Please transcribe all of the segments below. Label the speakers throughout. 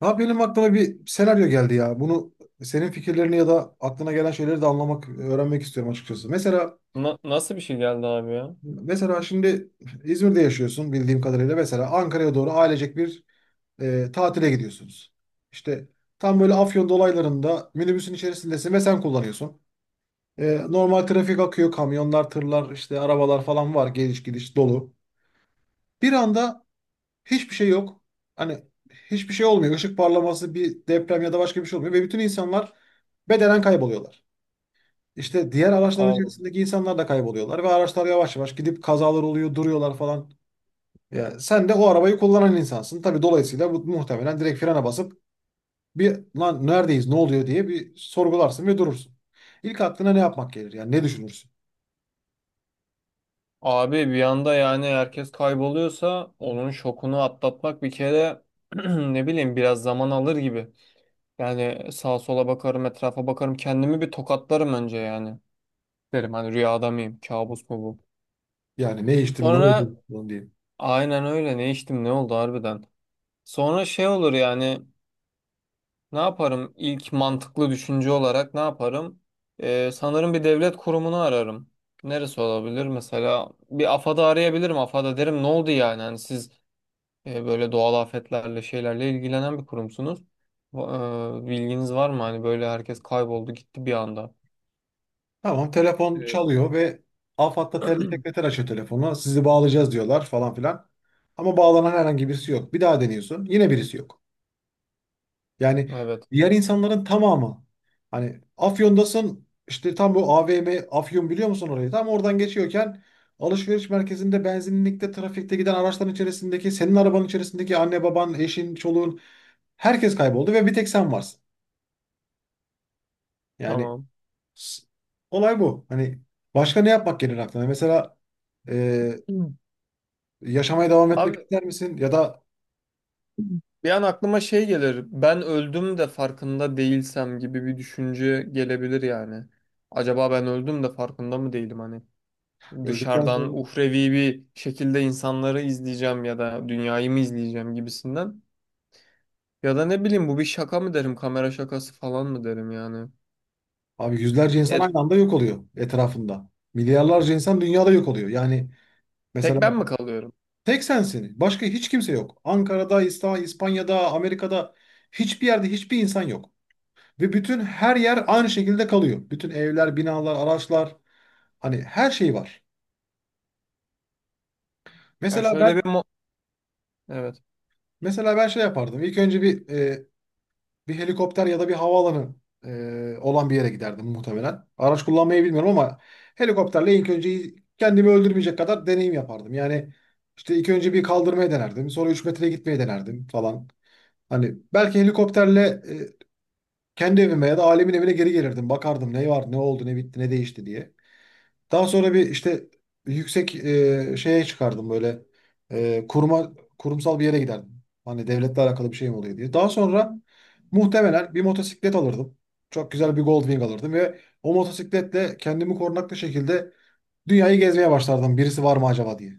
Speaker 1: Ha benim aklıma bir senaryo geldi ya. Bunu senin fikirlerini ya da aklına gelen şeyleri de anlamak, öğrenmek istiyorum açıkçası. Mesela
Speaker 2: Nasıl bir şey geldi abi ya?
Speaker 1: mesela şimdi İzmir'de yaşıyorsun bildiğim kadarıyla. Mesela Ankara'ya doğru ailecek bir tatile gidiyorsunuz. İşte tam böyle Afyon dolaylarında minibüsün içerisindesin ve sen kullanıyorsun. Normal trafik akıyor, kamyonlar, tırlar, işte arabalar falan var, geliş gidiş dolu. Bir anda hiçbir şey yok. Hani hiçbir şey olmuyor. Işık parlaması, bir deprem ya da başka bir şey olmuyor ve bütün insanlar bedenen kayboluyorlar. İşte diğer araçların
Speaker 2: Allah.
Speaker 1: içerisindeki insanlar da kayboluyorlar ve araçlar yavaş yavaş gidip kazalar oluyor, duruyorlar falan. Ya sen de o arabayı kullanan insansın. Tabii dolayısıyla bu muhtemelen direkt frene basıp bir lan neredeyiz, ne oluyor diye bir sorgularsın ve durursun. İlk aklına ne yapmak gelir? Yani ne düşünürsün?
Speaker 2: Abi bir anda yani herkes kayboluyorsa onun şokunu atlatmak bir kere, ne bileyim biraz zaman alır gibi. Yani sağa sola bakarım, etrafa bakarım, kendimi bir tokatlarım önce yani. Derim hani rüyada mıyım, kabus mu bu?
Speaker 1: Yani ne içtim, ne oldu
Speaker 2: Sonra
Speaker 1: falan diye.
Speaker 2: aynen öyle, ne içtim ne oldu harbiden. Sonra şey olur yani. Ne yaparım? İlk mantıklı düşünce olarak ne yaparım? Sanırım bir devlet kurumunu ararım. Neresi olabilir? Mesela bir AFAD'ı arayabilirim. AFAD'a derim ne oldu yani? Hani siz böyle doğal afetlerle şeylerle ilgilenen bir kurumsunuz. Bilginiz var mı? Hani böyle herkes kayboldu gitti bir anda.
Speaker 1: Tamam, telefon
Speaker 2: Ee,
Speaker 1: çalıyor ve AFAD'da sekreter açıyor telefonu. Sizi bağlayacağız diyorlar falan filan. Ama bağlanan herhangi birisi yok. Bir daha deniyorsun. Yine birisi yok. Yani
Speaker 2: Evet.
Speaker 1: diğer insanların tamamı, hani Afyon'dasın, işte tam bu AVM, Afyon, biliyor musun orayı? Tam oradan geçiyorken alışveriş merkezinde, benzinlikte, trafikte giden araçların içerisindeki, senin arabanın içerisindeki anne baban, eşin, çoluğun, herkes kayboldu ve bir tek sen varsın. Yani
Speaker 2: Tamam.
Speaker 1: s- olay bu. Hani başka ne yapmak gelir aklına? Mesela e,
Speaker 2: Hı.
Speaker 1: yaşamaya devam etmek
Speaker 2: Abi
Speaker 1: ister misin? Ya da
Speaker 2: bir an aklıma şey gelir. Ben öldüm de farkında değilsem gibi bir düşünce gelebilir yani. Acaba ben öldüm de farkında mı değilim hani?
Speaker 1: öldükten
Speaker 2: Dışarıdan
Speaker 1: sonra
Speaker 2: uhrevi bir şekilde insanları izleyeceğim ya da dünyayı mı izleyeceğim gibisinden. Ya da ne bileyim, bu bir şaka mı derim, kamera şakası falan mı derim yani.
Speaker 1: abi yüzlerce insan
Speaker 2: E,
Speaker 1: aynı anda yok oluyor etrafında. Milyarlarca insan dünyada yok oluyor. Yani
Speaker 2: tek
Speaker 1: mesela
Speaker 2: ben mi kalıyorum?
Speaker 1: tek sensin. Başka hiç kimse yok. Ankara'da, İspanya'da, Amerika'da hiçbir yerde hiçbir insan yok. Ve bütün her yer aynı şekilde kalıyor. Bütün evler, binalar, araçlar, hani her şey var.
Speaker 2: Ya
Speaker 1: Mesela
Speaker 2: şöyle
Speaker 1: ben
Speaker 2: bir evet.
Speaker 1: mesela ben şey yapardım. İlk önce bir bir helikopter ya da bir havaalanı olan bir yere giderdim muhtemelen. Araç kullanmayı bilmiyorum ama helikopterle ilk önce kendimi öldürmeyecek kadar deneyim yapardım. Yani işte ilk önce bir kaldırmaya denerdim. Sonra 3 metreye gitmeye denerdim falan. Hani belki helikopterle e, kendi evime ya da ailemin evine geri gelirdim. Bakardım ne var, ne oldu, ne bitti, ne değişti diye. Daha sonra bir işte yüksek şeye çıkardım, böyle e, kuruma kurumsal bir yere giderdim. Hani devletle alakalı bir şey mi oluyor diye. Daha sonra muhtemelen bir motosiklet alırdım. Çok güzel bir Goldwing alırdım ve o motosikletle kendimi korunaklı şekilde dünyayı gezmeye başlardım. Birisi var mı acaba diye.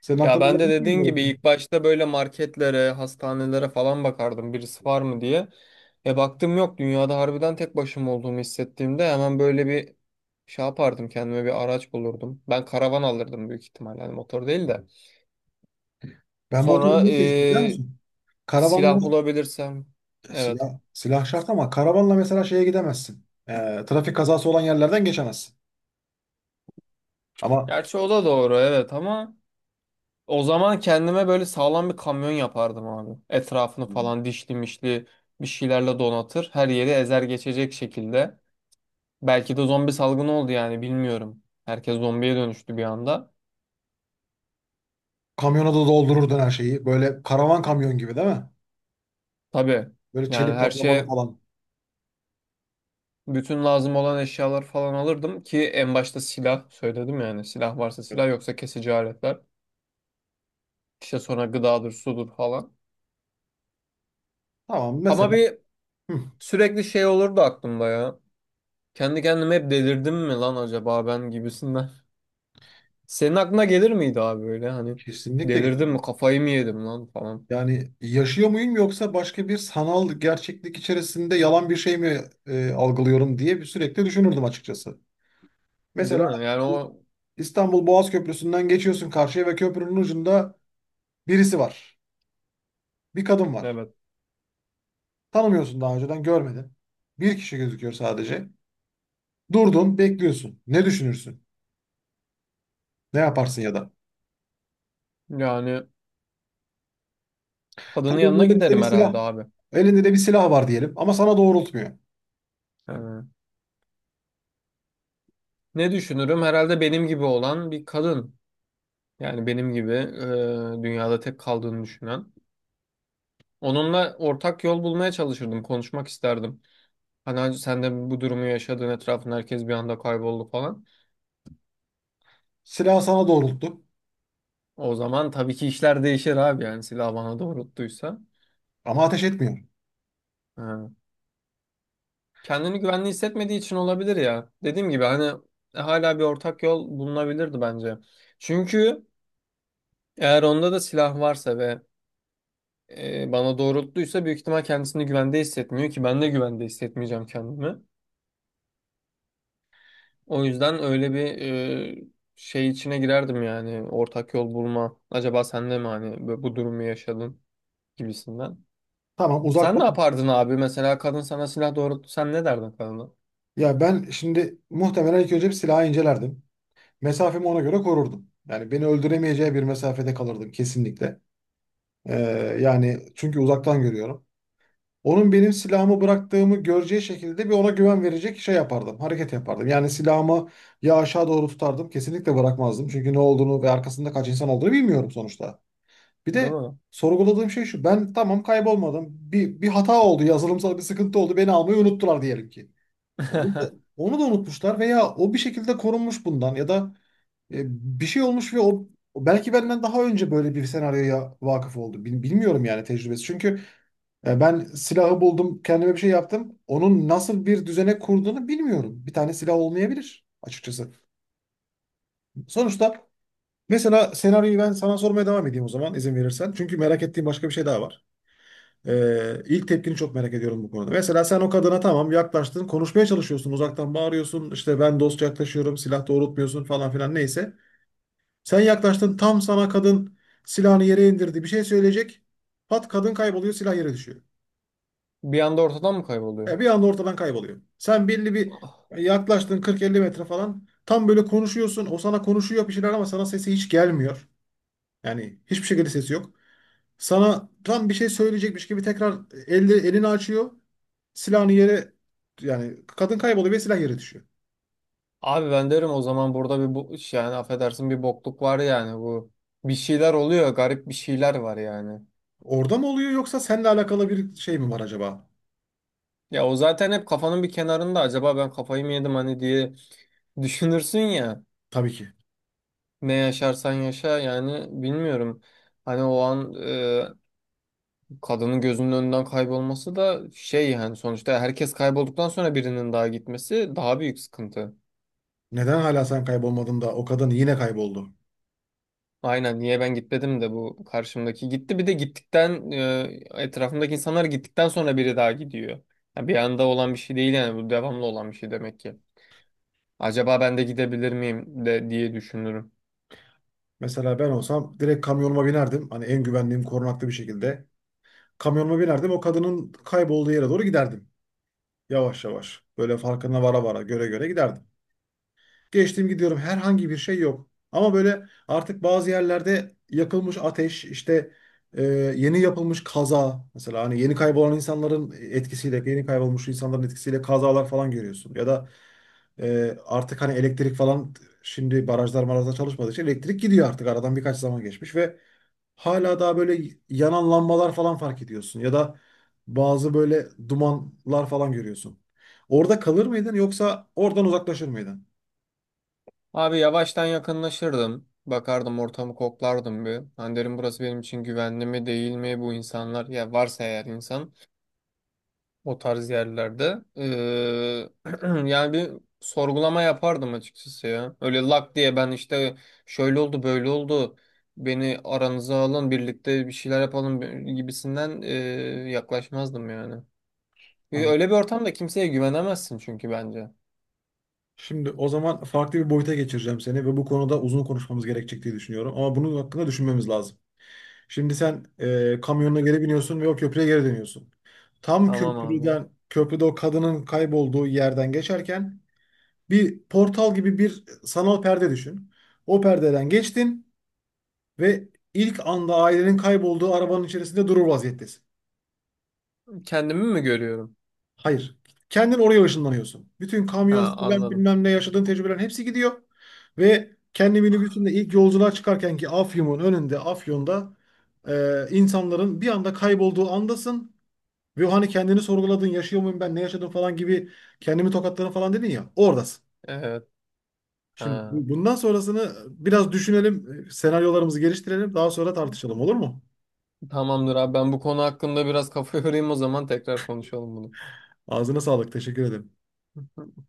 Speaker 1: Senin
Speaker 2: Ya
Speaker 1: aklına
Speaker 2: ben de
Speaker 1: gelmiş miydi
Speaker 2: dediğin
Speaker 1: böyle bir
Speaker 2: gibi
Speaker 1: şey?
Speaker 2: ilk başta böyle marketlere, hastanelere falan bakardım birisi var mı diye. E baktım yok, dünyada harbiden tek başıma olduğumu hissettiğimde hemen böyle bir şey yapardım, kendime bir araç bulurdum. Ben karavan alırdım büyük ihtimalle, yani motor değil de.
Speaker 1: Ben motoru
Speaker 2: Sonra
Speaker 1: niye seçtim biliyor musun? Karavanla
Speaker 2: silah bulabilirsem. Evet.
Speaker 1: silah şart ama karavanla mesela şeye gidemezsin. Trafik kazası olan yerlerden geçemezsin. Ama
Speaker 2: Gerçi o da doğru evet, ama o zaman kendime böyle sağlam bir kamyon yapardım abi. Etrafını falan dişli mişli bir şeylerle donatır. Her yeri ezer geçecek şekilde. Belki de zombi salgını oldu yani, bilmiyorum. Herkes zombiye dönüştü bir anda.
Speaker 1: kamyona da doldururdun her şeyi. Böyle karavan kamyon gibi değil mi?
Speaker 2: Tabii
Speaker 1: Böyle
Speaker 2: yani
Speaker 1: çelik
Speaker 2: her
Speaker 1: kaplamalı
Speaker 2: şeye,
Speaker 1: falan.
Speaker 2: bütün lazım olan eşyalar falan alırdım ki en başta silah söyledim, yani silah varsa
Speaker 1: Evet.
Speaker 2: silah, yoksa kesici aletler. İşte sonra gıdadır sudur falan.
Speaker 1: Tamam
Speaker 2: Ama
Speaker 1: mesela.
Speaker 2: bir
Speaker 1: Hı,
Speaker 2: sürekli şey olurdu aklımda ya. Kendi kendime hep delirdim mi lan acaba ben gibisinden. Senin aklına gelir miydi abi böyle hani
Speaker 1: kesinlikle
Speaker 2: delirdim
Speaker 1: gelirim.
Speaker 2: mi, kafayı mı yedim lan falan.
Speaker 1: Yani yaşıyor muyum yoksa başka bir sanal gerçeklik içerisinde yalan bir şey mi algılıyorum diye bir sürekli düşünürdüm açıkçası.
Speaker 2: Değil
Speaker 1: Mesela
Speaker 2: mi? Yani o
Speaker 1: İstanbul Boğaz Köprüsü'nden geçiyorsun karşıya ve köprünün ucunda birisi var. Bir kadın var.
Speaker 2: evet.
Speaker 1: Tanımıyorsun, daha önceden görmedin. Bir kişi gözüküyor sadece. Durdun, bekliyorsun. Ne düşünürsün? Ne yaparsın ya da?
Speaker 2: Yani kadının
Speaker 1: Tabii
Speaker 2: yanına
Speaker 1: elinde de bir
Speaker 2: giderim
Speaker 1: silah.
Speaker 2: herhalde abi.
Speaker 1: Elinde de bir silah var diyelim ama sana doğrultmuyor.
Speaker 2: Yani ne düşünürüm? Herhalde benim gibi olan bir kadın. Yani benim gibi, dünyada tek kaldığını düşünen. Onunla ortak yol bulmaya çalışırdım. Konuşmak isterdim. Hani "Hacı, sen de bu durumu yaşadığın, etrafında herkes bir anda kayboldu falan."
Speaker 1: Silah sana doğrulttu
Speaker 2: O zaman tabii ki işler değişir abi, yani silah bana doğrulttuysa.
Speaker 1: ama ateş etmiyor.
Speaker 2: Ha. Kendini güvenli hissetmediği için olabilir ya. Dediğim gibi hani, hala bir ortak yol bulunabilirdi bence. Çünkü eğer onda da silah varsa ve bana doğrulttuysa, büyük ihtimal kendisini güvende hissetmiyor ki, ben de güvende hissetmeyeceğim kendimi. O yüzden öyle bir e, şey içine girerdim, yani ortak yol bulma. Acaba sen de mi hani bu durumu yaşadın gibisinden.
Speaker 1: Tamam,
Speaker 2: Sen ne
Speaker 1: uzaktan.
Speaker 2: yapardın abi? Mesela kadın sana silah doğrulttu. Sen ne derdin kadına?
Speaker 1: Ya ben şimdi muhtemelen ilk önce bir silahı incelerdim. Mesafemi ona göre korurdum. Yani beni öldüremeyeceği bir mesafede kalırdım kesinlikle. Ee, Yani çünkü uzaktan görüyorum. Onun benim silahımı bıraktığımı göreceği şekilde bir ona güven verecek şey yapardım. Hareket yapardım. Yani silahımı ya aşağı doğru tutardım. Kesinlikle bırakmazdım. Çünkü ne olduğunu ve arkasında kaç insan olduğunu bilmiyorum sonuçta. Bir
Speaker 2: Değil
Speaker 1: de
Speaker 2: mi?
Speaker 1: sorguladığım şey şu. Ben tamam kaybolmadım. Bir hata oldu. Yazılımsal bir sıkıntı oldu. Beni almayı unuttular diyelim ki. Onu da, onu da unutmuşlar veya o bir şekilde korunmuş bundan ya da e, bir şey olmuş ve o belki benden daha önce böyle bir senaryoya vakıf oldu. Bilmiyorum yani tecrübesi. Çünkü ben silahı buldum, kendime bir şey yaptım. Onun nasıl bir düzene kurduğunu bilmiyorum. Bir tane silah olmayabilir açıkçası. Sonuçta mesela senaryoyu ben sana sormaya devam edeyim o zaman, izin verirsen. Çünkü merak ettiğim başka bir şey daha var. İlk tepkini çok merak ediyorum bu konuda. Mesela sen o kadına tamam yaklaştın, konuşmaya çalışıyorsun, uzaktan bağırıyorsun, işte ben dostça yaklaşıyorum, silah doğrultmuyorsun falan filan neyse. Sen yaklaştın, tam sana kadın silahını yere indirdi, bir şey söyleyecek. Pat, kadın kayboluyor, silah yere düşüyor.
Speaker 2: Bir anda ortadan mı kayboluyor?
Speaker 1: Ya bir anda ortadan kayboluyor. Sen belli bir
Speaker 2: Ah.
Speaker 1: yaklaştın, 40-50 metre falan. Tam böyle konuşuyorsun, o sana konuşuyor bir şeyler ama sana sesi hiç gelmiyor. Yani hiçbir şekilde sesi yok. Sana tam bir şey söyleyecekmiş gibi tekrar elini açıyor. Silahını yere, yani kadın kayboluyor ve silah yere düşüyor.
Speaker 2: Abi ben derim o zaman, burada bir, bu iş yani affedersin bir bokluk var yani bu. Bir şeyler oluyor. Garip bir şeyler var yani.
Speaker 1: Orada mı oluyor yoksa seninle alakalı bir şey mi var acaba?
Speaker 2: Ya o zaten hep kafanın bir kenarında, acaba ben kafayı mı yedim hani diye düşünürsün ya.
Speaker 1: Tabii ki.
Speaker 2: Ne yaşarsan yaşa yani, bilmiyorum. Hani o an kadının gözünün önünden kaybolması da şey yani, sonuçta herkes kaybolduktan sonra birinin daha gitmesi daha büyük sıkıntı.
Speaker 1: Neden hala sen kaybolmadın da o kadın yine kayboldu?
Speaker 2: Aynen, niye ben gitmedim de bu karşımdaki gitti, bir de gittikten etrafımdaki insanlar gittikten sonra biri daha gidiyor. Yani bir anda olan bir şey değil yani, bu devamlı olan bir şey demek ki. Acaba ben de gidebilir miyim de diye düşünürüm.
Speaker 1: Mesela ben olsam direkt kamyonuma binerdim. Hani en güvenliğim korunaklı bir şekilde. Kamyonuma binerdim, o kadının kaybolduğu yere doğru giderdim. Yavaş yavaş böyle farkına vara vara, göre göre giderdim. Geçtim, gidiyorum. Herhangi bir şey yok. Ama böyle artık bazı yerlerde yakılmış ateş, işte e, yeni yapılmış kaza. Mesela hani yeni kaybolan insanların etkisiyle, yeni kaybolmuş insanların etkisiyle kazalar falan görüyorsun. Ya da artık hani elektrik falan, şimdi barajlar marajlar çalışmadığı için elektrik gidiyor artık. Aradan birkaç zaman geçmiş ve hala daha böyle yanan lambalar falan fark ediyorsun. Ya da bazı böyle dumanlar falan görüyorsun. Orada kalır mıydın yoksa oradan uzaklaşır mıydın?
Speaker 2: Abi yavaştan yakınlaşırdım. Bakardım, ortamı koklardım bir. Hani derim burası benim için güvenli mi değil mi, bu insanlar ya varsa eğer insan o tarz yerlerde. Yani bir sorgulama yapardım açıkçası ya. Öyle lak diye ben işte şöyle oldu böyle oldu, beni aranıza alın birlikte bir şeyler yapalım gibisinden yaklaşmazdım yani. Öyle bir ortamda kimseye güvenemezsin çünkü, bence.
Speaker 1: Şimdi o zaman farklı bir boyuta geçireceğim seni ve bu konuda uzun konuşmamız gerekecek diye düşünüyorum. Ama bunun hakkında düşünmemiz lazım. Şimdi sen kamyonuna geri biniyorsun ve o köprüye geri dönüyorsun. Tam
Speaker 2: Tamam abi.
Speaker 1: köprüde o kadının kaybolduğu yerden geçerken bir portal gibi bir sanal perde düşün. O perdeden geçtin ve ilk anda ailenin kaybolduğu arabanın içerisinde durur vaziyettesin.
Speaker 2: Kendimi mi görüyorum?
Speaker 1: Hayır. Kendin oraya ışınlanıyorsun. Bütün kamyon,
Speaker 2: Ha,
Speaker 1: silah,
Speaker 2: anladım.
Speaker 1: bilmem ne, yaşadığın tecrübelerin hepsi gidiyor. Ve kendi minibüsünde ilk yolculuğa çıkarken ki Afyon'un önünde, Afyon'da insanların bir anda kaybolduğu andasın. Ve hani kendini sorguladın, yaşıyor muyum ben, ne yaşadım falan gibi, kendimi tokatladım falan dedin ya, oradasın.
Speaker 2: Evet.
Speaker 1: Şimdi
Speaker 2: Ha.
Speaker 1: bundan sonrasını biraz düşünelim, senaryolarımızı geliştirelim, daha sonra tartışalım, olur mu?
Speaker 2: Tamamdır abi, ben bu konu hakkında biraz kafa yorayım, o zaman tekrar konuşalım bunu.
Speaker 1: Ağzına sağlık, teşekkür ederim.